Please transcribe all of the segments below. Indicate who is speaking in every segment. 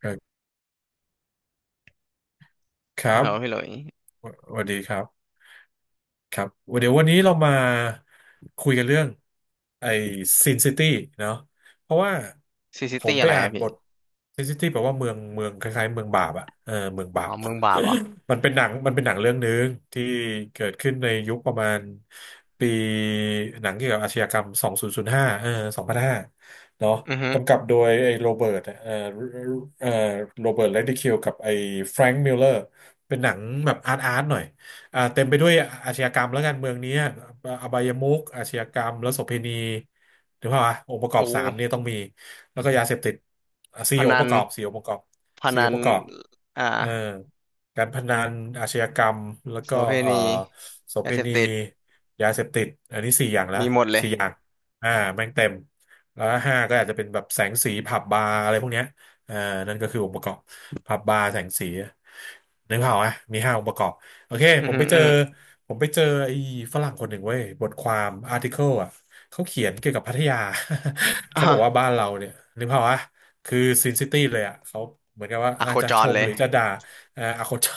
Speaker 1: เอ่อครั
Speaker 2: ฮัลโหลพี่หลุ
Speaker 1: บ
Speaker 2: ย
Speaker 1: สวัสดีครับ ครับเดี๋ยววันนี้เรามาคุยกันเรื่องไอ้ซินซิตี้เนาะเพราะว่า
Speaker 2: ซีซิ
Speaker 1: ผ
Speaker 2: ตี้
Speaker 1: มไป
Speaker 2: อะไร
Speaker 1: อ่า
Speaker 2: อะ
Speaker 1: น
Speaker 2: พี่
Speaker 1: บทซินซิตี้แปลว่าเมืองเมืองคล้ายๆเมืองบาปอะเออเมืองบา
Speaker 2: อ๋อ
Speaker 1: ป
Speaker 2: เมืองบาปเหรอ
Speaker 1: มันเป็นหนังเรื่องหนึ่งที่เกิดขึ้นในยุคประมาณปีหนังเกี่ยวกับอาชญากรรม2005เออสองพันห้าเนาะ
Speaker 2: อือฮึ
Speaker 1: กำกับโดยไอ้โรเบิร์ตเออโรเบิร์ตเรดดิคิวกับไอ้แฟรงค์มิลเลอร์เป็นหนังแบบอาร์ตอาร์ตหน่อย อ่าเต็มไปด้วยอาชญากรรมและการเมืองเนี้ยอบายมุขอาชญากรรมและโสเภณีถูกป่าวะองค์ประก
Speaker 2: โ
Speaker 1: อบสามเนี่
Speaker 2: อ้
Speaker 1: ยต้องมีแล้วก็ยาเสพติดอ่ะ
Speaker 2: พ
Speaker 1: สี่อง
Speaker 2: นั
Speaker 1: ค์ป
Speaker 2: น
Speaker 1: ระกอบสี่องค์ประกอบ
Speaker 2: พ
Speaker 1: สี่
Speaker 2: นั
Speaker 1: อง
Speaker 2: น
Speaker 1: ค์ประกอบ
Speaker 2: อ่า
Speaker 1: เอ่อการพนันอาชญากรรมแล้ว
Speaker 2: โส
Speaker 1: ก็
Speaker 2: เภณี
Speaker 1: โส
Speaker 2: ยา
Speaker 1: เภ
Speaker 2: เสพ
Speaker 1: ณี
Speaker 2: ติด
Speaker 1: ยาเสพติดอันนี้สี่อย่างละ
Speaker 2: มีหมดเลย
Speaker 1: สี่อย่างอ่าแม่งเต็มแล้วห้าก็อาจจะเป็นแบบแสงสีผับบาร์อะไรพวกเนี้ยอ่านั่นก็คือองค์ประกอบผับบาร์แสงสีนึกภาพอ่ะมีห้าองค์ประกอบ โอเค
Speaker 2: อื
Speaker 1: ผ
Speaker 2: อ
Speaker 1: ม
Speaker 2: ฮึ
Speaker 1: ไปเจ
Speaker 2: อื
Speaker 1: อ
Speaker 2: อฮึ
Speaker 1: ผมไปเจอไอ้ฝรั่งคนหนึ่งเว้ยบทความอาร์ติเคิลอ่ะเขาเขียนเกี่ยวกับพัทยา เขาบอกว่า
Speaker 2: อ่ะ
Speaker 1: บ้านเราเนี่ยนึกภาพวะคือซินซิตี้เลยอ่ะเขาเหมือนกับว่า
Speaker 2: อะ
Speaker 1: อา
Speaker 2: โค
Speaker 1: จจะ
Speaker 2: จ
Speaker 1: ช
Speaker 2: ร
Speaker 1: ม
Speaker 2: เล
Speaker 1: ห
Speaker 2: ย
Speaker 1: รือจะด่าอโคนจอ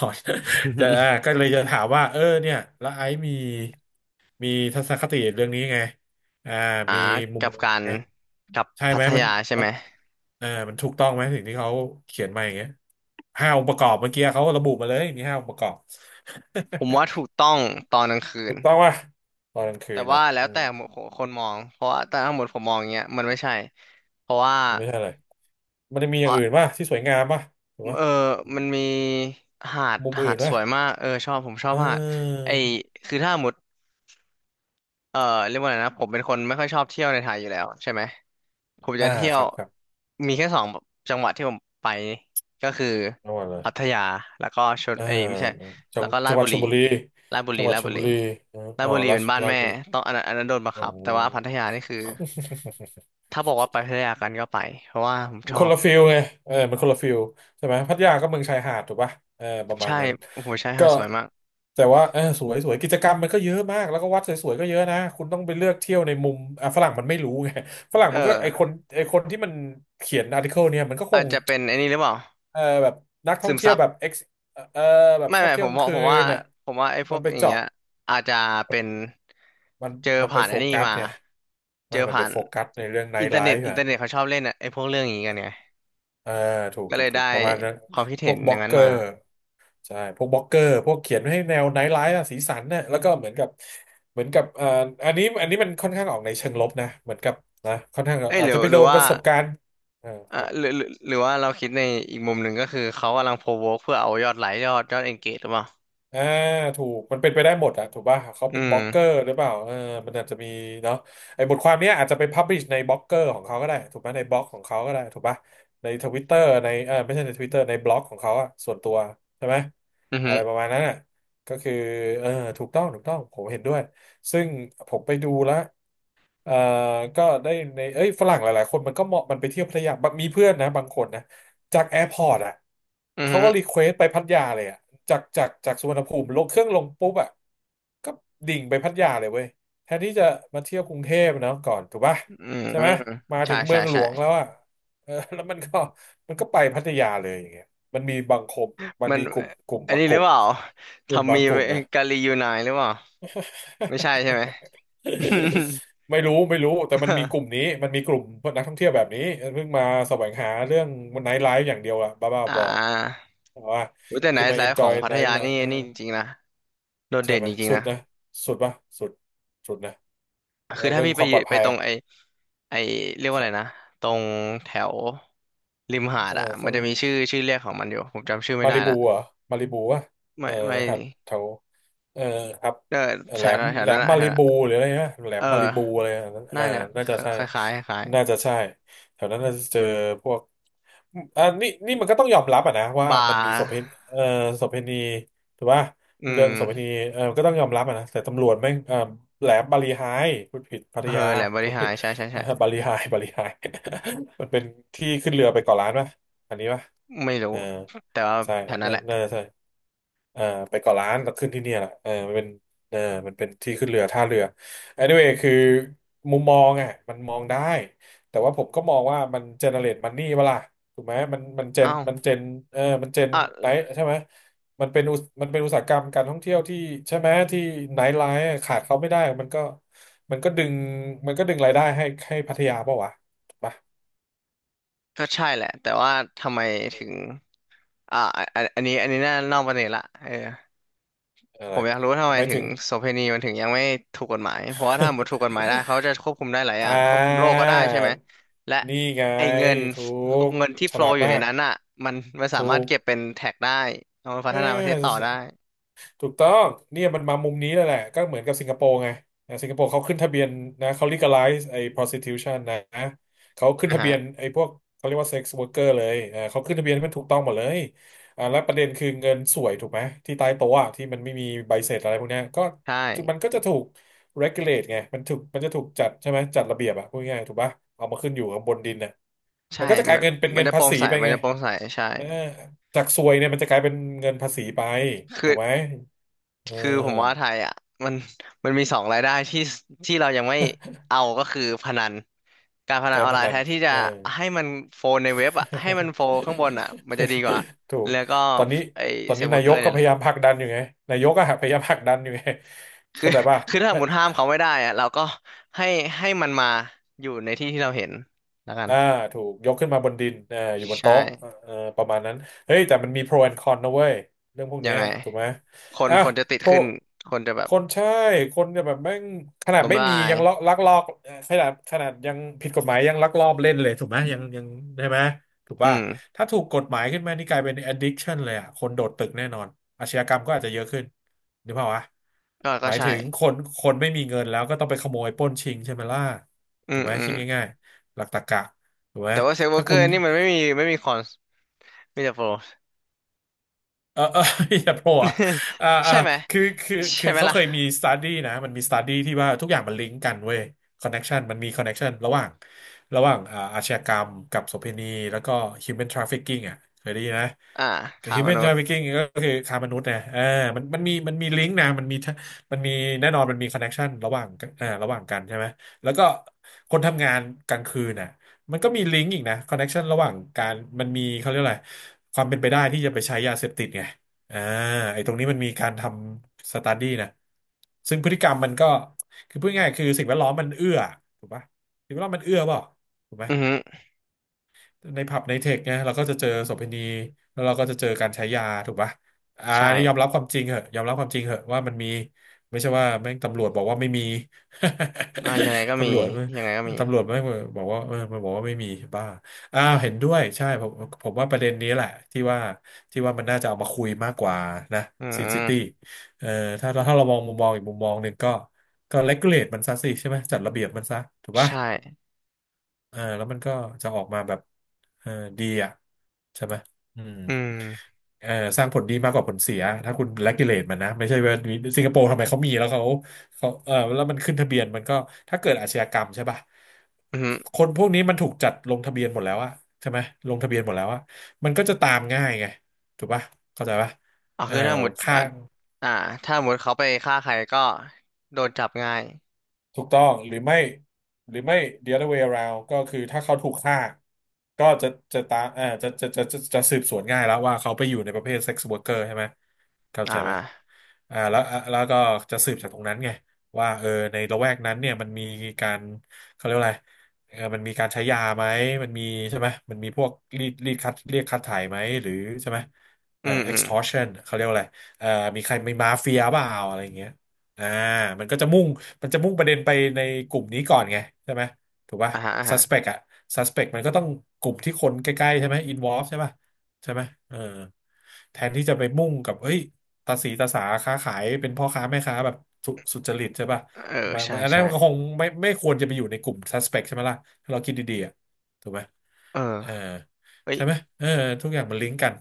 Speaker 2: ออ ฮึ
Speaker 1: จะอ่าก็เลยจะถามว่าเออเนี่ยแล้วไอซ์มีมีทัศนคติเรื่องนี้ไงอ่า
Speaker 2: อ่า
Speaker 1: มีมุม
Speaker 2: กั
Speaker 1: ม
Speaker 2: บ
Speaker 1: อง
Speaker 2: การ
Speaker 1: ไง
Speaker 2: กับ
Speaker 1: ใช่
Speaker 2: พั
Speaker 1: ไหม
Speaker 2: ท
Speaker 1: มัน
Speaker 2: ยาใช่
Speaker 1: มั
Speaker 2: ไหม
Speaker 1: นเออมันถูกต้องไหมสิ่งที่เขาเขียนมาอย่างเงี้ยห้าองค์ประกอบเมื่อกี้เขาระบุมาเลยมีห้าองค์ประกอบ
Speaker 2: ผมว่าถูกต้องตอนกลางคื
Speaker 1: ถู
Speaker 2: น
Speaker 1: กต้องป่ะตอนกลางคื
Speaker 2: แต่
Speaker 1: น
Speaker 2: ว่า
Speaker 1: นะ
Speaker 2: แล้
Speaker 1: อื
Speaker 2: ว
Speaker 1: ม
Speaker 2: แต่คนมองเพราะว่าแต่ทั้งหมดผมมองอย่างเงี้ยมันไม่ใช่เพราะว่า
Speaker 1: มันไม่ใช่อะไรมันจะมีอย่างอื่นป่ะที่สวยงามป่ะถูกป่ะ
Speaker 2: เออ
Speaker 1: อืม
Speaker 2: มันมีหาด
Speaker 1: มุมอื่
Speaker 2: หา
Speaker 1: น
Speaker 2: ดส
Speaker 1: ป่ะ
Speaker 2: วยมากเออชอบผมชอ
Speaker 1: เ
Speaker 2: บหาด
Speaker 1: ออ
Speaker 2: ไอคือถ้าหมดเออเรียกว่าอะไรนะผมเป็นคนไม่ค่อยชอบเที่ยวในไทยอยู่แล้วใช่ไหมผมจะ
Speaker 1: อ่า
Speaker 2: เที่ย
Speaker 1: ค
Speaker 2: ว
Speaker 1: รับครับ
Speaker 2: มีแค่สองจังหวัดที่ผมไปก็คือ
Speaker 1: จังหวัดเลย
Speaker 2: พัทยาแล้วก็ชล
Speaker 1: เออ
Speaker 2: เอยไม่ใช่แล้วก็รา
Speaker 1: จั
Speaker 2: ช
Speaker 1: งหวั
Speaker 2: บุ
Speaker 1: ดช
Speaker 2: รี
Speaker 1: ลบุรี
Speaker 2: ราชบุ
Speaker 1: จั
Speaker 2: รี
Speaker 1: งหวัด
Speaker 2: ราช
Speaker 1: ช
Speaker 2: บุ
Speaker 1: ลบุ
Speaker 2: รี
Speaker 1: รีอ
Speaker 2: รา
Speaker 1: อ๋
Speaker 2: ช
Speaker 1: อ
Speaker 2: บุรีเป็นบ้าน
Speaker 1: ราช
Speaker 2: แม่
Speaker 1: บุรี
Speaker 2: ต้องอันนั้นอันนั้นโดนบัง
Speaker 1: อ๋อ
Speaker 2: คับแต่ว่าพัทยานี่คือถ้าบอกว่าไปพัทยากันก็ไปเพราะว่าผม
Speaker 1: มั
Speaker 2: ช
Speaker 1: น
Speaker 2: อ
Speaker 1: คน
Speaker 2: บ
Speaker 1: ละฟิลไงเออมันคนละฟิลใช่ไหมพัทยาก็เมืองชายหาดถูกป่ะเออประมาณ
Speaker 2: ใช่
Speaker 1: นั้น
Speaker 2: โอ้โหใช่หา
Speaker 1: ก็
Speaker 2: ดสวยมาก
Speaker 1: แต่ว่าเออสวยสวยกิจกรรมมันก็เยอะมากแล้วก็วัดสวยๆก็เยอะนะคุณต้องไปเลือกเที่ยวในมุมอ่ะฝรั่งมันไม่รู้ไง ฝรั่ง
Speaker 2: เอ
Speaker 1: มันก็ไอคน
Speaker 2: อ
Speaker 1: ไอคนที่มันเขียนอาร์ติเคิลเนี่ยมันก็ค
Speaker 2: อาจ
Speaker 1: ง
Speaker 2: จะเป็นไอ้นี่หรือเปล่า
Speaker 1: เออแบบนักท่อ
Speaker 2: ซึ
Speaker 1: ง
Speaker 2: ม
Speaker 1: เที่ย
Speaker 2: ซั
Speaker 1: ว
Speaker 2: บ
Speaker 1: แบบ ex เออแบบ
Speaker 2: ไม่
Speaker 1: ชอบ
Speaker 2: ไม่
Speaker 1: เที่
Speaker 2: ผ
Speaker 1: ยว
Speaker 2: ม
Speaker 1: กลา
Speaker 2: ผ
Speaker 1: ง
Speaker 2: ม
Speaker 1: คื
Speaker 2: ผมว่า
Speaker 1: นน่ะ
Speaker 2: ผมว่าไอ้พ
Speaker 1: มั
Speaker 2: ว
Speaker 1: น
Speaker 2: ก
Speaker 1: ไป
Speaker 2: อย่าง
Speaker 1: เจาะ
Speaker 2: เงี้ยอาจจะเป็น
Speaker 1: มัน
Speaker 2: เจอ
Speaker 1: มันไป
Speaker 2: ผ่าน
Speaker 1: โฟ
Speaker 2: ไอ้นี่
Speaker 1: กัส
Speaker 2: มา
Speaker 1: ไง
Speaker 2: เจ
Speaker 1: ไม่
Speaker 2: อ
Speaker 1: มัน
Speaker 2: ผ่า
Speaker 1: ไป
Speaker 2: น
Speaker 1: โฟกัสในเรื่องไน
Speaker 2: อิน
Speaker 1: ท์
Speaker 2: เทอ
Speaker 1: ไล
Speaker 2: ร์เน็ต
Speaker 1: ฟ์
Speaker 2: อินเทอร์เน็ต
Speaker 1: อ่ะ
Speaker 2: เขาชอบเล่นอะไอ้พวกเรื่องอย่างงี้กันไง
Speaker 1: เออถูก
Speaker 2: ก็
Speaker 1: ถู
Speaker 2: เล
Speaker 1: ก
Speaker 2: ย
Speaker 1: ถู
Speaker 2: ได้
Speaker 1: กประมาณนั้น
Speaker 2: ความคิด
Speaker 1: พ
Speaker 2: เห็
Speaker 1: ว
Speaker 2: น
Speaker 1: กบ
Speaker 2: อ
Speaker 1: ล็อ
Speaker 2: ย่าง
Speaker 1: ก
Speaker 2: นั้
Speaker 1: เก
Speaker 2: น
Speaker 1: อ
Speaker 2: มา
Speaker 1: ร์ ใช่ พวกบล็อกเกอร์ พวกเขียนให้แนวไนท์ไลฟ์อะสีสันน่ะแล้วก็เหมือนกับเหมือนกับอันนี้มันค่อนข้างออกในเชิงลบนะ เหมือนกับนะค่อนข้าง
Speaker 2: เอ้ยห
Speaker 1: อาจ
Speaker 2: รื
Speaker 1: จะ
Speaker 2: อ
Speaker 1: ไป
Speaker 2: ห
Speaker 1: โด
Speaker 2: รือ
Speaker 1: นป
Speaker 2: ว่า
Speaker 1: ระสบการณ์เออ
Speaker 2: อ่ะ
Speaker 1: ครับ
Speaker 2: หรือหรือหรือว่าเราคิดในอีกมุมหนึ่งก็คือเขากำลังโพวกเพื่อเอายอดไลค์ยอดยอดเอนเกจหรือเปล่า
Speaker 1: อ่าถูกมันเป็นไปได้หมดอะถูกป่ะเขา
Speaker 2: อื
Speaker 1: เป็นบล็อกเกอ
Speaker 2: ม
Speaker 1: ร์หรือเปล่าเออมันอาจจะมีเนาะไอ้บทความเนี้ยอาจจะไปพับลิชในบล็อกเกอร์ของเขาก็ได้ถูกไหมในบล็อกของเขาก็ได้ถูกป่ะในทวิตเตอร์ในเออไม่ใช่ในทวิตเตอร์ในบล็อกของเขาอะส่วนตัวใช่ไหม
Speaker 2: อือฮึ
Speaker 1: อะไรประมาณนั้นอะก็คือเออถูกต้องถูกต้องผมเห็นด้วยซึ่งผมไปดูแล้ว เอ่อก็ได้ในเอ้ยฝรั่งหลายๆคนมันก็เหมาะมันไปเที่ยวพัทยาบางมีเพื่อนนะบางคนนะจากแอร์พอร์ตอ่ะ
Speaker 2: อือ
Speaker 1: เขา
Speaker 2: ฮึ
Speaker 1: ก็รีเควสไปพัทยาเลยอ่ะจากสุวรรณภูมิลงเครื่องลงปุ๊บอ่ะก็ดิ่งไปพัทยาเลยเว้ยแทนที่จะมาเที่ยวกรุงเทพเนาะก่อนถูกป่ะ
Speaker 2: อืม
Speaker 1: ใช่ไหมมา
Speaker 2: ใช่
Speaker 1: ถึงเมื
Speaker 2: ใช่
Speaker 1: องหล
Speaker 2: ใช่
Speaker 1: วงแล้วอ่ะเออ แล้วมันก็ไปพัทยาเลยอย่างเงี้ยมันมีบางคมมัน
Speaker 2: มัน
Speaker 1: มีกลุ่มกลุ่ม
Speaker 2: อัน
Speaker 1: บาง
Speaker 2: นี้
Speaker 1: ก
Speaker 2: หรื
Speaker 1: ลุ่
Speaker 2: อ
Speaker 1: ม
Speaker 2: เปล่า
Speaker 1: กลุ่ม
Speaker 2: ทำ
Speaker 1: บา
Speaker 2: มี
Speaker 1: งกลุ่มนะ
Speaker 2: กาลียูไนหรือเปล่าไม่ใช่ใช่ไหม
Speaker 1: ไม่รู้ไม่รู้แต่มันมีกลุ่มนี้ มันมีกลุ่มนักท่องเที่ยวแบบนี้เพิ่งมาแสวงหาเรื่องไนท์ไลฟ์อย่างเดียวอะบ้าบ้า
Speaker 2: อ่
Speaker 1: บอ
Speaker 2: า
Speaker 1: แต่ว่า
Speaker 2: อุ๊ยแต่ไหน
Speaker 1: คือมา
Speaker 2: ไา
Speaker 1: เอน
Speaker 2: ฟ์
Speaker 1: จ
Speaker 2: ข
Speaker 1: อ
Speaker 2: อ
Speaker 1: ย
Speaker 2: งพั
Speaker 1: ไน
Speaker 2: ทยา
Speaker 1: ท์นะ
Speaker 2: นี่
Speaker 1: เออ
Speaker 2: นี่จริงๆนะโดด
Speaker 1: ใช่
Speaker 2: เด่น
Speaker 1: ไหม
Speaker 2: จริง
Speaker 1: สุ
Speaker 2: ๆ
Speaker 1: ด
Speaker 2: นะ
Speaker 1: นะสุดปะสุดสุดนะแล้
Speaker 2: คื
Speaker 1: ว
Speaker 2: อถ้า
Speaker 1: เรื่อง
Speaker 2: พี่
Speaker 1: ค
Speaker 2: ไป
Speaker 1: วาม
Speaker 2: อ
Speaker 1: ปล
Speaker 2: ยู่
Speaker 1: อด
Speaker 2: ไป
Speaker 1: ภัย
Speaker 2: ตร
Speaker 1: อะ
Speaker 2: งไอไอเรียกว่า
Speaker 1: ค
Speaker 2: อะ
Speaker 1: รั
Speaker 2: ไร
Speaker 1: บ
Speaker 2: นะตรงแถวริมหา
Speaker 1: เอ
Speaker 2: ด
Speaker 1: อ
Speaker 2: อ่ะมั
Speaker 1: เขา
Speaker 2: นจะมีชื่อชื่อเรียกของมันอยู่ผมจำชื่อไม่
Speaker 1: มา
Speaker 2: ได้
Speaker 1: ริบู
Speaker 2: ละ
Speaker 1: เหรอ่ะมาริบูวะเอ
Speaker 2: ไม่
Speaker 1: อ
Speaker 2: ไม่
Speaker 1: หัดแถวเออครับ
Speaker 2: เออแถ
Speaker 1: แหล
Speaker 2: ว
Speaker 1: ม
Speaker 2: แถว
Speaker 1: แหล
Speaker 2: นั้
Speaker 1: ม
Speaker 2: นอ่ะ
Speaker 1: มา
Speaker 2: แถว
Speaker 1: ริ
Speaker 2: นั้น
Speaker 1: บูหรืออะไรนะแหล
Speaker 2: เอ
Speaker 1: ม
Speaker 2: อ
Speaker 1: มาริบูอะไรอ่ะเอ
Speaker 2: น่า
Speaker 1: อ
Speaker 2: จะ
Speaker 1: น่าจะใช่
Speaker 2: คล้ายๆคล้าย
Speaker 1: น่าจะใช่แถวนั้นน่าจะเจอพวกนี่มันก็ต้องยอมรับอ่ะนะ
Speaker 2: ๆ
Speaker 1: ว่า
Speaker 2: บา
Speaker 1: มันมี
Speaker 2: ร์
Speaker 1: โสเภณเออโสเภณีถูกป่ะ
Speaker 2: อื
Speaker 1: เรื่องโสเภณี
Speaker 2: ม
Speaker 1: เออก็ต้องยอมรับอะนะแต่ตำรวจแม่งเออแหลมบาลีไฮพูดผิดพัท
Speaker 2: เออ
Speaker 1: ยา
Speaker 2: แหละบ
Speaker 1: โท
Speaker 2: ริ
Speaker 1: ษ
Speaker 2: หา
Speaker 1: ที
Speaker 2: รใช่ใช่
Speaker 1: เอ
Speaker 2: ใช่
Speaker 1: อบาลีไฮบาลีไฮ มันเป็นที่ขึ้นเรือไปเกาะล้านป่ะอันนี้ป่ะ
Speaker 2: ไม่รู้
Speaker 1: เออ
Speaker 2: แต่ว่า
Speaker 1: ใช่
Speaker 2: แถวนั้น
Speaker 1: น่า
Speaker 2: แหละ
Speaker 1: น่าจะใช่อ่าไปเกาะล้านแล้วขึ้นที่เนี่ยแหละเออมันเป็นเออมันเป็นที่ขึ้นเรือท่าเรือ anyway คือมุมมองอ่ะมันมองได้ แต่ว่าผมก็มองว่ามันเจเนเรตมันนี่เปะล่าถูกไหมมันเจ
Speaker 2: อ้า
Speaker 1: น
Speaker 2: ว
Speaker 1: มันเจนเออมันเจน
Speaker 2: อ่ะ
Speaker 1: ไหนใช่ไหมมันเป็นอุตมันเป็นอุตสาหกรรมการท่องเที่ยวที่ใช่ไหมที่ไนท์ไลฟ์ขาดเขาไม่ได้มันก็มันก็ดึงมันก็ดึงรายได้ให้ให้พัทยาเปล่าวะถูกปะ
Speaker 2: ก็ใช่แหละแต่ว่าทำไมถึงอะอันอันนี้อันนี้น่านอกประเด็นละเออ
Speaker 1: อะ
Speaker 2: ผ
Speaker 1: ไร
Speaker 2: มอยากรู้ว่าทำ
Speaker 1: ทำ
Speaker 2: ไม
Speaker 1: ไม
Speaker 2: ถึ
Speaker 1: ถึ
Speaker 2: ง
Speaker 1: ง
Speaker 2: โสเภณีมันถึงยังไม่ถูกกฎหมายเพราะว่าถ้าหมดถูกกฎหมายได้เขาจะควบคุมได้หลาย อ
Speaker 1: อ่
Speaker 2: ย่างควบคุมโรค
Speaker 1: า
Speaker 2: ก็ได้ใช่ไหมและ
Speaker 1: นี่ไง
Speaker 2: ไอ้เงิน
Speaker 1: ถูก
Speaker 2: เงินที่
Speaker 1: ฉ
Speaker 2: โฟล
Speaker 1: ลาด
Speaker 2: อยู่
Speaker 1: มา
Speaker 2: ใน
Speaker 1: ก
Speaker 2: นั้นอ่ะมันมันสา
Speaker 1: ถู
Speaker 2: มารถ
Speaker 1: ก
Speaker 2: เก็บเป็นแท็กได้เอามาพั
Speaker 1: เอ
Speaker 2: ฒนาประเทศต่อ
Speaker 1: อ
Speaker 2: ได้
Speaker 1: ถูกต้องเนี่ยมันมามุมนี้แล้วแหละก็เหมือนกับสิงคโปร์ไงอ่าสิงคโปร์เขาขึ้นทะเบียนนะเขา legalize ไอ้ prostitution นะเขาขึ้น
Speaker 2: นะ
Speaker 1: ทะเบี
Speaker 2: ฮะ
Speaker 1: ยนไอ้พวกเขาเรียกว่า sex worker เลยอ่าเขาขึ้นทะเบียนให้มันถูกต้องหมดเลยอ่าแล้วประเด็นคือเงินสวยถูกไหมที่ใต้โต๊ะอะที่มันไม่มีใบเสร็จอะไรพวกเนี้ยก็
Speaker 2: ใช่
Speaker 1: มันก็จะถูก regulate ไงมันถูกมันจะถูกจัดใช่ไหมจัดระเบียบอะพูดง่ายๆถูกปะเอามาขึ้นอยู่ข้างบนดินน่ะ
Speaker 2: ใช่
Speaker 1: มันก็จะกลา
Speaker 2: มั
Speaker 1: ย
Speaker 2: น
Speaker 1: เป็นเป็น
Speaker 2: มัน
Speaker 1: เงิน
Speaker 2: จะโป
Speaker 1: ภา
Speaker 2: ร่ง
Speaker 1: ษี
Speaker 2: ใส
Speaker 1: ไป
Speaker 2: มัน
Speaker 1: ไง
Speaker 2: จะโปร่งใสใช่
Speaker 1: เออจากซวยเนี่ยมันจะกลายเป็นเงินภาษีไป
Speaker 2: คื
Speaker 1: ถู
Speaker 2: อ
Speaker 1: กไหมเ
Speaker 2: คือผมว่าไท
Speaker 1: ออ
Speaker 2: ยอ่ะมันมันมีสองรายได้ที่ที่เรายังไม่เอาก็คือพนันการพนัน
Speaker 1: การ
Speaker 2: ออน
Speaker 1: พ
Speaker 2: ไลน์
Speaker 1: นั
Speaker 2: แท
Speaker 1: น
Speaker 2: นที่จะ
Speaker 1: เออ
Speaker 2: ให้มันโฟนในเว็บอ่ะให้มันโฟนข้างบนอ่ะมันจะดีกว่า
Speaker 1: ถูก
Speaker 2: แล้วก็
Speaker 1: ตอนนี้
Speaker 2: ไอ
Speaker 1: ตอน
Speaker 2: เซิ
Speaker 1: นี้
Speaker 2: ร์ฟเวอ
Speaker 1: นา
Speaker 2: ร์
Speaker 1: ย
Speaker 2: เกอ
Speaker 1: ก
Speaker 2: ร์
Speaker 1: ก็
Speaker 2: เนี่ย
Speaker 1: พ
Speaker 2: แหละ
Speaker 1: ยายามผลักดันอยู่ไงนายกก็พยายามผลักดันอยู่ไง
Speaker 2: คือ
Speaker 1: เข้าใจป่ะ
Speaker 2: คือถ้าสมมติห้ามเขาไม่ได้อ่ะเราก็ให้ให้มันมาอยู่ในที่ที่เราเห็นแล้วกัน
Speaker 1: อ่าถูกยกขึ้นมาบนดินอ่าอยู่บน
Speaker 2: ใช่
Speaker 1: โต๊ะเอ่อประมาณนั้นเฮ้ยแต่มันมี pro and con นะเว้ยเรื่องพวก
Speaker 2: ยั
Speaker 1: เนี้
Speaker 2: ง
Speaker 1: ย
Speaker 2: ไง
Speaker 1: ถูกไหม
Speaker 2: คน
Speaker 1: อ่ะ
Speaker 2: คนจะติด
Speaker 1: pro
Speaker 2: ขึ้นคนจะแบ
Speaker 1: ค
Speaker 2: บ
Speaker 1: นใช่คนเนี่ยแบบแม่งขนาด
Speaker 2: ล้ม
Speaker 1: ไม่
Speaker 2: ละ
Speaker 1: มี
Speaker 2: ลา
Speaker 1: ยังลอก
Speaker 2: ย
Speaker 1: ลักลอบขนาดยังผิดกฎหมายยังลักลอบเล่นเลยถูกไหมยังใช่ไหมถูก
Speaker 2: อื
Speaker 1: ป่ะ
Speaker 2: ม
Speaker 1: ถ้าถูกกฎหมายขึ้นมานี่กลายเป็น addiction เลยอ่ะคนโดดตึกแน่นอนอาชญากรรมก็อาจจะเยอะขึ้นนึกภาพวะ
Speaker 2: ก็
Speaker 1: ห
Speaker 2: ก็
Speaker 1: มาย
Speaker 2: ใช่
Speaker 1: ถึงคนไม่มีเงินแล้วก็ต้องไปขโมยปล้นชิงใช่ไหมล่ะ
Speaker 2: อื
Speaker 1: ถู
Speaker 2: ม
Speaker 1: กไหม
Speaker 2: อื
Speaker 1: คิ
Speaker 2: ม
Speaker 1: ดง่ายๆหลักตรรกะ ถูกไหม
Speaker 2: แต่ว่าเซิร์ฟเวอ
Speaker 1: ถ้า
Speaker 2: ร์เกอ
Speaker 1: คุณ
Speaker 2: ร์นี่มันไม่มีคอนมีแต่โปร
Speaker 1: เออ อย่าโผล่อะ อ่าอ่า
Speaker 2: ใช่ไหม
Speaker 1: คือคือ
Speaker 2: ใช่
Speaker 1: คือ
Speaker 2: ไหม
Speaker 1: เขาเคยมี
Speaker 2: ล่ะ
Speaker 1: สต u d ดี้นะมันมีสต u d ดี้ที่ว่าทุกอย่างมันลิงก์กันเว้ยคอนเน็ชันมันมีคอนเน็ชันระหว่างอ่าอาชญากรรมกับโสเภณีแล้วก็ human trafficking อ่ะเคยได้ยินนะ
Speaker 2: อ่าขาม
Speaker 1: human
Speaker 2: นุษย์
Speaker 1: trafficking ก็คือค้ามนุษย์นะเออมันมีมันลิงก์นะมันมีมันมีแน่นอนมันมีคอนเน็ชันระหว่างอ่าระหว่างกันใช่ไหมแล้วก็คนทำงานกลางคืนน่ะ มันก็มีลิงก์อีกนะคอนเน็กชันระหว่างการมันมีเขาเรียกอะไรความเป็นไปได้ที่จะไปใช้ยาเสพติดไงอ่าไอ้ตรงนี้มันมีการทำสต u d ดี้นะซึ่งพฤติกรรมมันก็คือพูดง่ายๆคือสิ่งแวดล้อมมันเอื้อถูกปะสิ่งแวดล้อมมันเอื้อเปล่าถูกไหม
Speaker 2: อือฮึ
Speaker 1: ในผับในเทคเนี่ยเราก็จะเจอโสเภณีแล้วเราก็จะเจอการใช้ยาถูกปะอ่า
Speaker 2: ใช่
Speaker 1: อันนี้ยอมรับความจริงเหอะยอมรับความจริงเหอะว่ามันมีไม่ใช่ว่าแม่งตำรวจบอกว่าไม่มี
Speaker 2: อ่ายังไงก็ มี
Speaker 1: ตำรวจ
Speaker 2: ยังไงก็มี
Speaker 1: ตำรวจแม่งบอกว่าเออมันบอกว่าไม่มีบ้าอ้าวเห็นด้วยใช่ผมผมว่าประเด็นนี้แหละที่ว่าที่ว่ามันน่าจะเอามาคุยมากกว่านะ
Speaker 2: อื
Speaker 1: ซิตี้
Speaker 2: ม
Speaker 1: เอ่อถ้าเรามองมุมมองอีกมุมมองหนึ่งก็ก็เลกูเลตมันซะสิใช่ไหมจัดระเบียบมันซะถูกปะ
Speaker 2: ใช่
Speaker 1: เออแล้วมันก็จะออกมาแบบเออดีอ่ะใช่ไหมอืม
Speaker 2: อืม
Speaker 1: เออสร้างผลดีมากกว่าผลเสียถ้าคุณ regulate มันนะไม่ใช่ว่าสิงคโปร์ทำไมเขามีแล้วเขาเขาเออแล้วมันขึ้นทะเบียนมันก็ถ้าเกิดอาชญากรรมใช่ป่ะ
Speaker 2: อืม
Speaker 1: ค
Speaker 2: อ
Speaker 1: นพวกนี้มันถูกจัดลงทะเบียนหมดแล้วอะใช่ไหมลงทะเบียนหมดแล้วอะมันก็จะตามง่ายไงถูกป่ะเข้าใจป่ะ
Speaker 2: เอา
Speaker 1: เออ
Speaker 2: คือถ้าห
Speaker 1: แบ
Speaker 2: มด
Speaker 1: บค่า
Speaker 2: อ่าอ่าถ้าหมดเขาไปฆ่าใครก็โดนจับง่าย
Speaker 1: ถูกต้องหรือไม่หรือไม่ the other way around ก็คือถ้าเขาถูกฆ่าก็จะจะตามจะสืบสวนง่ายแล้วว่าเขาไปอยู่ในประเภท sex worker ใช่ไหมเข้า
Speaker 2: อ่
Speaker 1: ใจไหม
Speaker 2: า
Speaker 1: แล้วก็จะสืบจากตรงนั้นไงว่าเออในละแวกนั้นเนี่ยมันมีการเขาเรียกว่าอะไรเออมันมีการใช้ยาไหมมันมีใช่ไหมมันมีพวกรีดคัดเรียกคัดถ่ายไหมหรือใช่ไหม
Speaker 2: อืมอืม
Speaker 1: extortion เขาเรียกว่าอะไรเอ่อมีใครมีมาเฟียเปล่าอะไรอย่างเงี้ยอ่ามันก็จะมุ่ง มันจะมุ่งประเด็นไปในกลุ่มนี้ก่อนไงใช่ไหมถูกป่ะ
Speaker 2: อ่าฮะอ่าฮะ
Speaker 1: suspect อะ suspect มันก็ต้องกลุ่มที่คนใกล้ๆใช่ไหม involve ใช่ป่ะใช่ไหมเออแทนที่จะไปมุ่งกับเฮ้ยตาสีตาสาค้าขายเป็นพ่อค้าแม่ค้าแบบสุจริตใช่ป่ะ
Speaker 2: เออ
Speaker 1: มัน
Speaker 2: ใช่
Speaker 1: มันอันนั้น
Speaker 2: ใช่
Speaker 1: มันก็คงไม่ควรจะไปอยู่ในกลุ่ม suspect ใช่ไหมล่ะถ้าเราคิดดีๆอะถูกไหม
Speaker 2: เอ
Speaker 1: เออ
Speaker 2: อเอ้ย
Speaker 1: ใช่ไหมเออทุกอย่างมันลิงก์กัน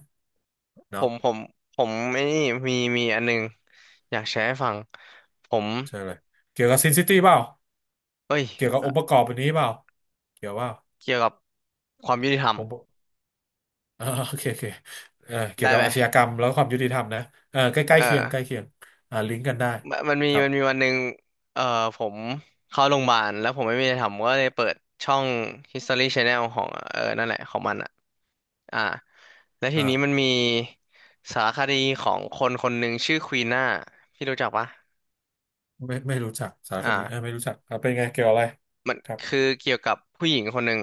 Speaker 2: ผ
Speaker 1: เนาะ
Speaker 2: มผมผมไมนี่มีมีอันหนึงอยากแชร์ให้ฟังผม
Speaker 1: ใช่เลยเกี่ยวกับซินซิตี้เปล่า
Speaker 2: เอ้ย
Speaker 1: เกี่ยวกับ
Speaker 2: เอ่
Speaker 1: อ
Speaker 2: อ
Speaker 1: งค์ประกอบอันนี้เปล่าเกี่ยวเปล่า
Speaker 2: เกี่ยวกับความยุติธรรม
Speaker 1: อ่าโอเคโอเคเกี่ย
Speaker 2: ได้
Speaker 1: วกับ
Speaker 2: ไหม
Speaker 1: อาชญากรรมแล้วความยุติธรรมนะใกล้ใกล้
Speaker 2: เออ
Speaker 1: เคียงใกล้เคียงอ่าลิงก์กันได้
Speaker 2: มันมี
Speaker 1: ครับ
Speaker 2: มันมีวันหนึ่งเอ่อผมเข้าโรงพยาบาลแล้วผมไม่มีอะไรทำก็เลยเปิดช่อง History Channel ของเออนั่นแหละของมันอ่ะอ่าแล้วที
Speaker 1: อ่า
Speaker 2: นี้มันมีสารคดีของคนคนหนึ่งชื่อควีน่า พี่รู้จักปะ
Speaker 1: ไม่รู้จักสารคดีเอ่า
Speaker 2: อ่า
Speaker 1: ไม่รู้จักอ่าเป็นไงเกี่ยวอะไร
Speaker 2: มัน
Speaker 1: ครับ
Speaker 2: คือเกี่ยวกับผู้หญิงคนหนึ่ง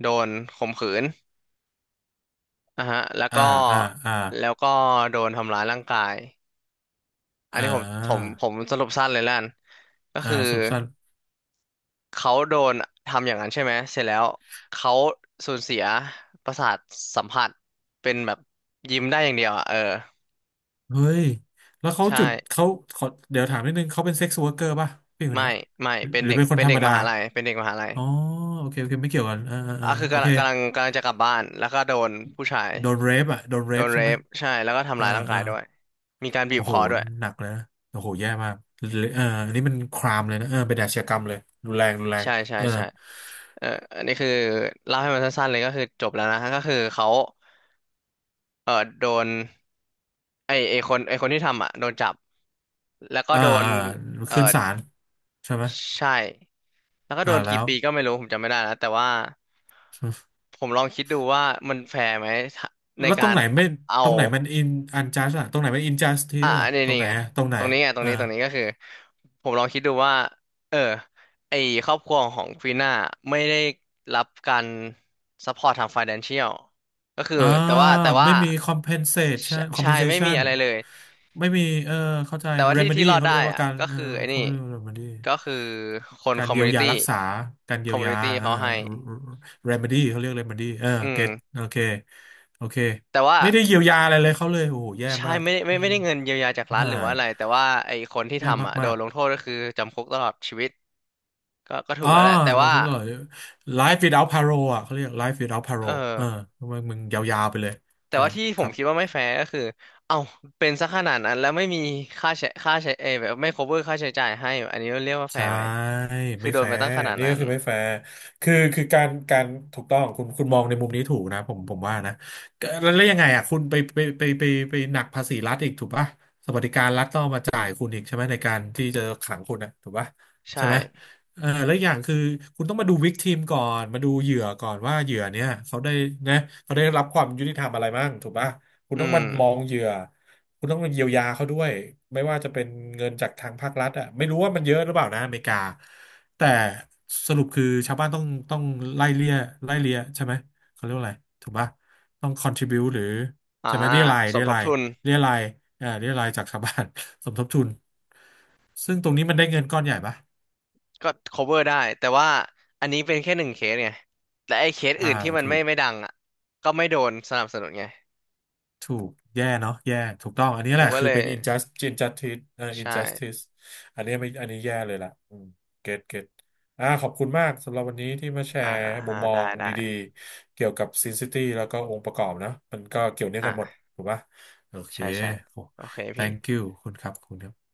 Speaker 2: โดนข่มขืนอ่ะฮะแล้ว
Speaker 1: อ่า
Speaker 2: ก็
Speaker 1: อ่าอ่า
Speaker 2: แล้วก็โดนทำร้ายร่างกาย อัน
Speaker 1: อ่
Speaker 2: นี้ผมผม
Speaker 1: า
Speaker 2: ผมสรุปสั้นเลยแล้วกันก็
Speaker 1: อ่า
Speaker 2: คือ
Speaker 1: สรุปสั้น
Speaker 2: เขาโดนทำอย่างนั้นใช่ไหมเสร็จแล้วเขาสูญเสียประสาทสัมผัสเป็นแบบยิ้มได้อย่างเดียวอ่ะเออ
Speaker 1: เฮ้ยแล้วเขา
Speaker 2: ใช่
Speaker 1: จุดเขาขอเดี๋ยวถามนิดนึงเขาเป็นเซ็กซ์ว k ร์เกอร์ป่ะพี่คน
Speaker 2: ไม่
Speaker 1: เนี้ย
Speaker 2: ไม่
Speaker 1: หรือ
Speaker 2: เป็น
Speaker 1: หรือ
Speaker 2: เด็ก
Speaker 1: เป็นคน
Speaker 2: เป็น
Speaker 1: ธร
Speaker 2: เด็
Speaker 1: ร
Speaker 2: ก
Speaker 1: ม
Speaker 2: ม
Speaker 1: ดา
Speaker 2: หาลัยเป็นเด็กมหาลัย
Speaker 1: อ๋อโอเคโอเคไม่เกี่ยวกันอ่าอ่าอ่า
Speaker 2: อ่ะคือ
Speaker 1: โอ
Speaker 2: กำลั
Speaker 1: เค
Speaker 2: งกำลังกำลังจะกลับบ้านแล้วก็โดนผู้ชาย
Speaker 1: โดนเรฟอ่ะโดนเร
Speaker 2: โด
Speaker 1: ฟ
Speaker 2: นเร
Speaker 1: ใช่ไหม
Speaker 2: ปใช่แล้วก็ทำ
Speaker 1: อ่า
Speaker 2: ร้ายร่างกา
Speaker 1: อ่า
Speaker 2: ยด้วยมีการบีบ
Speaker 1: โอ้
Speaker 2: ค
Speaker 1: โห
Speaker 2: อด้วย
Speaker 1: หนักเลยนะโอ้โห แย่มากเอออันนี้มันครามเลยนะเออเป็นอาชญากรรมเลยรุนแรงรุนแรง
Speaker 2: ใช่ใช่
Speaker 1: เออ
Speaker 2: ใช่เอออันนี้คือเล่าให้มันสั้นๆเลยก็คือจบแล้วนะก็คือเขา เออโดนไอคนที่ทำอ่ะโดนจับแล้วก็
Speaker 1: อ่า
Speaker 2: โดน
Speaker 1: อ่า
Speaker 2: เออ
Speaker 1: ขึ้นศาลใช่ไหม
Speaker 2: ใช่แล้วก็โด
Speaker 1: อ่า
Speaker 2: น
Speaker 1: แล้
Speaker 2: กี่
Speaker 1: ว
Speaker 2: ปีก็ไม่รู้ผมจำไม่ได้แล้วแต่ว่าผมลองคิดดูว่ามันแฟร์ไหมถ้าใน
Speaker 1: แล้วต
Speaker 2: กา
Speaker 1: รง
Speaker 2: ร
Speaker 1: ไหนไม่
Speaker 2: เอา
Speaker 1: ตรงไหนมันอินอันจัสอะตรงไหนมันอินจัสที
Speaker 2: อ่ะ
Speaker 1: ส
Speaker 2: อั
Speaker 1: อะ
Speaker 2: นนี่
Speaker 1: ตร
Speaker 2: นี่
Speaker 1: งไหน
Speaker 2: ไง
Speaker 1: อะตรงไหน
Speaker 2: ตรงนี้ไงตรง
Speaker 1: อ่า
Speaker 2: นี้ตรงนี้ก็คือผมลองคิดดูว่าเออไอครอบครัวของฟีน่าไม่ได้รับการซัพพอร์ตทาง financial ก็คือ
Speaker 1: อ่า
Speaker 2: แต่ว่าแต่ว่า
Speaker 1: ไม่มี
Speaker 2: ใช่ ใช่ไม่มี
Speaker 1: compensation
Speaker 2: อะไรเลย
Speaker 1: ไม่มีเออเข้าใจ
Speaker 2: แต่ว่าที่
Speaker 1: remedy
Speaker 2: ที่รอด
Speaker 1: เขา
Speaker 2: ได้
Speaker 1: เรียกว่า
Speaker 2: อ่ะ
Speaker 1: การ
Speaker 2: ก็คือไอ้
Speaker 1: เขา
Speaker 2: นี่
Speaker 1: เรียกว่า remedy
Speaker 2: ก็คือคน
Speaker 1: กา
Speaker 2: ค
Speaker 1: ร
Speaker 2: อม
Speaker 1: เยี
Speaker 2: มู
Speaker 1: ยว
Speaker 2: นิ
Speaker 1: ยา
Speaker 2: ตี้
Speaker 1: รักษาการ
Speaker 2: ค
Speaker 1: เยี
Speaker 2: อ
Speaker 1: ย
Speaker 2: ม
Speaker 1: ว
Speaker 2: มู
Speaker 1: ยา
Speaker 2: นิตี้
Speaker 1: เออ
Speaker 2: เขาให้
Speaker 1: remedy เขาเรียก remedy เออ
Speaker 2: อื
Speaker 1: get
Speaker 2: ม
Speaker 1: โอเคโอเค
Speaker 2: แต่ว่า
Speaker 1: ไม่ได้เยียวยาอะไรเลยเขาเลยโอ้โหแย่
Speaker 2: ใช่
Speaker 1: มาก
Speaker 2: ไม่ได้ไม่
Speaker 1: อื
Speaker 2: ไม่
Speaker 1: ม
Speaker 2: ได้เงินเยียวยาจากรัฐ
Speaker 1: ฮ่า
Speaker 2: หรือว่าอะไรแต่ว่าไอ้คนที่
Speaker 1: แย่
Speaker 2: ทำอ่ะโด
Speaker 1: มา
Speaker 2: น
Speaker 1: ก
Speaker 2: ลงโทษก็คือจำคุกตลอดชีวิตก็ก็
Speaker 1: ๆ
Speaker 2: ถู
Speaker 1: อ๋
Speaker 2: ก
Speaker 1: อ
Speaker 2: แล้วแหละแต่ว่า
Speaker 1: จำคุกตลอด life without parole อ่ะเขาเรียก life without
Speaker 2: เออ
Speaker 1: parole เออทำไมมึงยาวๆไปเลย
Speaker 2: แต่
Speaker 1: ใช่
Speaker 2: ว่าที่
Speaker 1: ค
Speaker 2: ผม
Speaker 1: รับ
Speaker 2: คิดว่าไม่แฟร์ก็คือเอ้าเป็นซะขนาดนั้นแล้วไม่มีค่าใช้เอยแบบไม่ cover ค่าใช้จ่ายให้อันนี้เรียกว่าแฟ
Speaker 1: ใช่
Speaker 2: ร์ไหมคือ
Speaker 1: ไม่
Speaker 2: โด
Speaker 1: แฟ
Speaker 2: นไปตั้
Speaker 1: ร์
Speaker 2: งขนาด
Speaker 1: นี่
Speaker 2: นั้
Speaker 1: ก็
Speaker 2: น
Speaker 1: คือไม่แฟร์คือคือการการถูกต้องคุณคุณมองในมุมนี้ถูกนะผมว่านะก็แล้วยังไงอ่ะคุณไปหนักภาษีรัฐอีกถูกปะสวัสดิการรัฐต้องเอามาจ่ายคุณอีกใช่ไหมในการที่จะขังคุณนะถูกปะ
Speaker 2: ใช่
Speaker 1: ใช่ไหมเออแล้วอย่างคือคุณต้องมาดูวิกทีมก่อนมาดูเหยื่อก่อนว่าเหยื่อเนี่ยเขาได้นะเขาได้รับความยุติธรรมอะไรบ้างถูกปะคุณ
Speaker 2: อื
Speaker 1: ต้องมา
Speaker 2: ม
Speaker 1: มองเหยื่อ คุณต้องเยียวยาเขาด้วยไม่ว่าจะเป็นเงินจากทางภาครัฐอ่ะไม่รู้ว่ามันเยอะหรือเปล่านะอเมริกาแต่สรุปคือชาวบ้านต้องไล่เลี่ยไล่เลี่ยใช่ไหมเขาเรียกว่าอะไรถูกปะต้อง contribute หรือ
Speaker 2: อ่า
Speaker 1: ใช่ไหม
Speaker 2: สมทบทุน
Speaker 1: เรียรายเรียรายจากชาวบ้าน สมทบทุนซึ่งตรงนี้มันได้เงินก้อนใหญ่ปะ
Speaker 2: ก็ cover ได้แต่ว่าอันนี้เป็นแค่หนึ่งเคสไงและไอ้เคส
Speaker 1: อ่า
Speaker 2: อื่นที่มัน
Speaker 1: ถู
Speaker 2: ไม่
Speaker 1: ก
Speaker 2: ไม่ดังอ่ะก็ไม่โดนสนับสนุนไง
Speaker 1: ถูกแย่เนาะแย่ถูกต้องอันนี้
Speaker 2: ผ
Speaker 1: แห
Speaker 2: ม
Speaker 1: ละ
Speaker 2: ก็
Speaker 1: คือ
Speaker 2: เลย
Speaker 1: เป็น injustice
Speaker 2: ใช่
Speaker 1: injustice อันนี้ไม่อันนี้แย่เลยล่ะอืมเก็ตเก็ตอ่าขอบคุณมากสำหรับวันนี้ที่มาแช
Speaker 2: อ่า
Speaker 1: ร์มุ
Speaker 2: อ่า
Speaker 1: มมอ
Speaker 2: ได้
Speaker 1: ง
Speaker 2: ได้
Speaker 1: ดีๆเกี่ยวกับ Sin City แล้วก็องค์ประกอบนะมันก็เกี่ยวเนื่อง
Speaker 2: อ่
Speaker 1: กันหมด
Speaker 2: า
Speaker 1: ถูกปะโอเค
Speaker 2: ใช่ใช่
Speaker 1: โอ้
Speaker 2: โอเคพี่
Speaker 1: thank you ขอบคุณครับขอบคุณครับ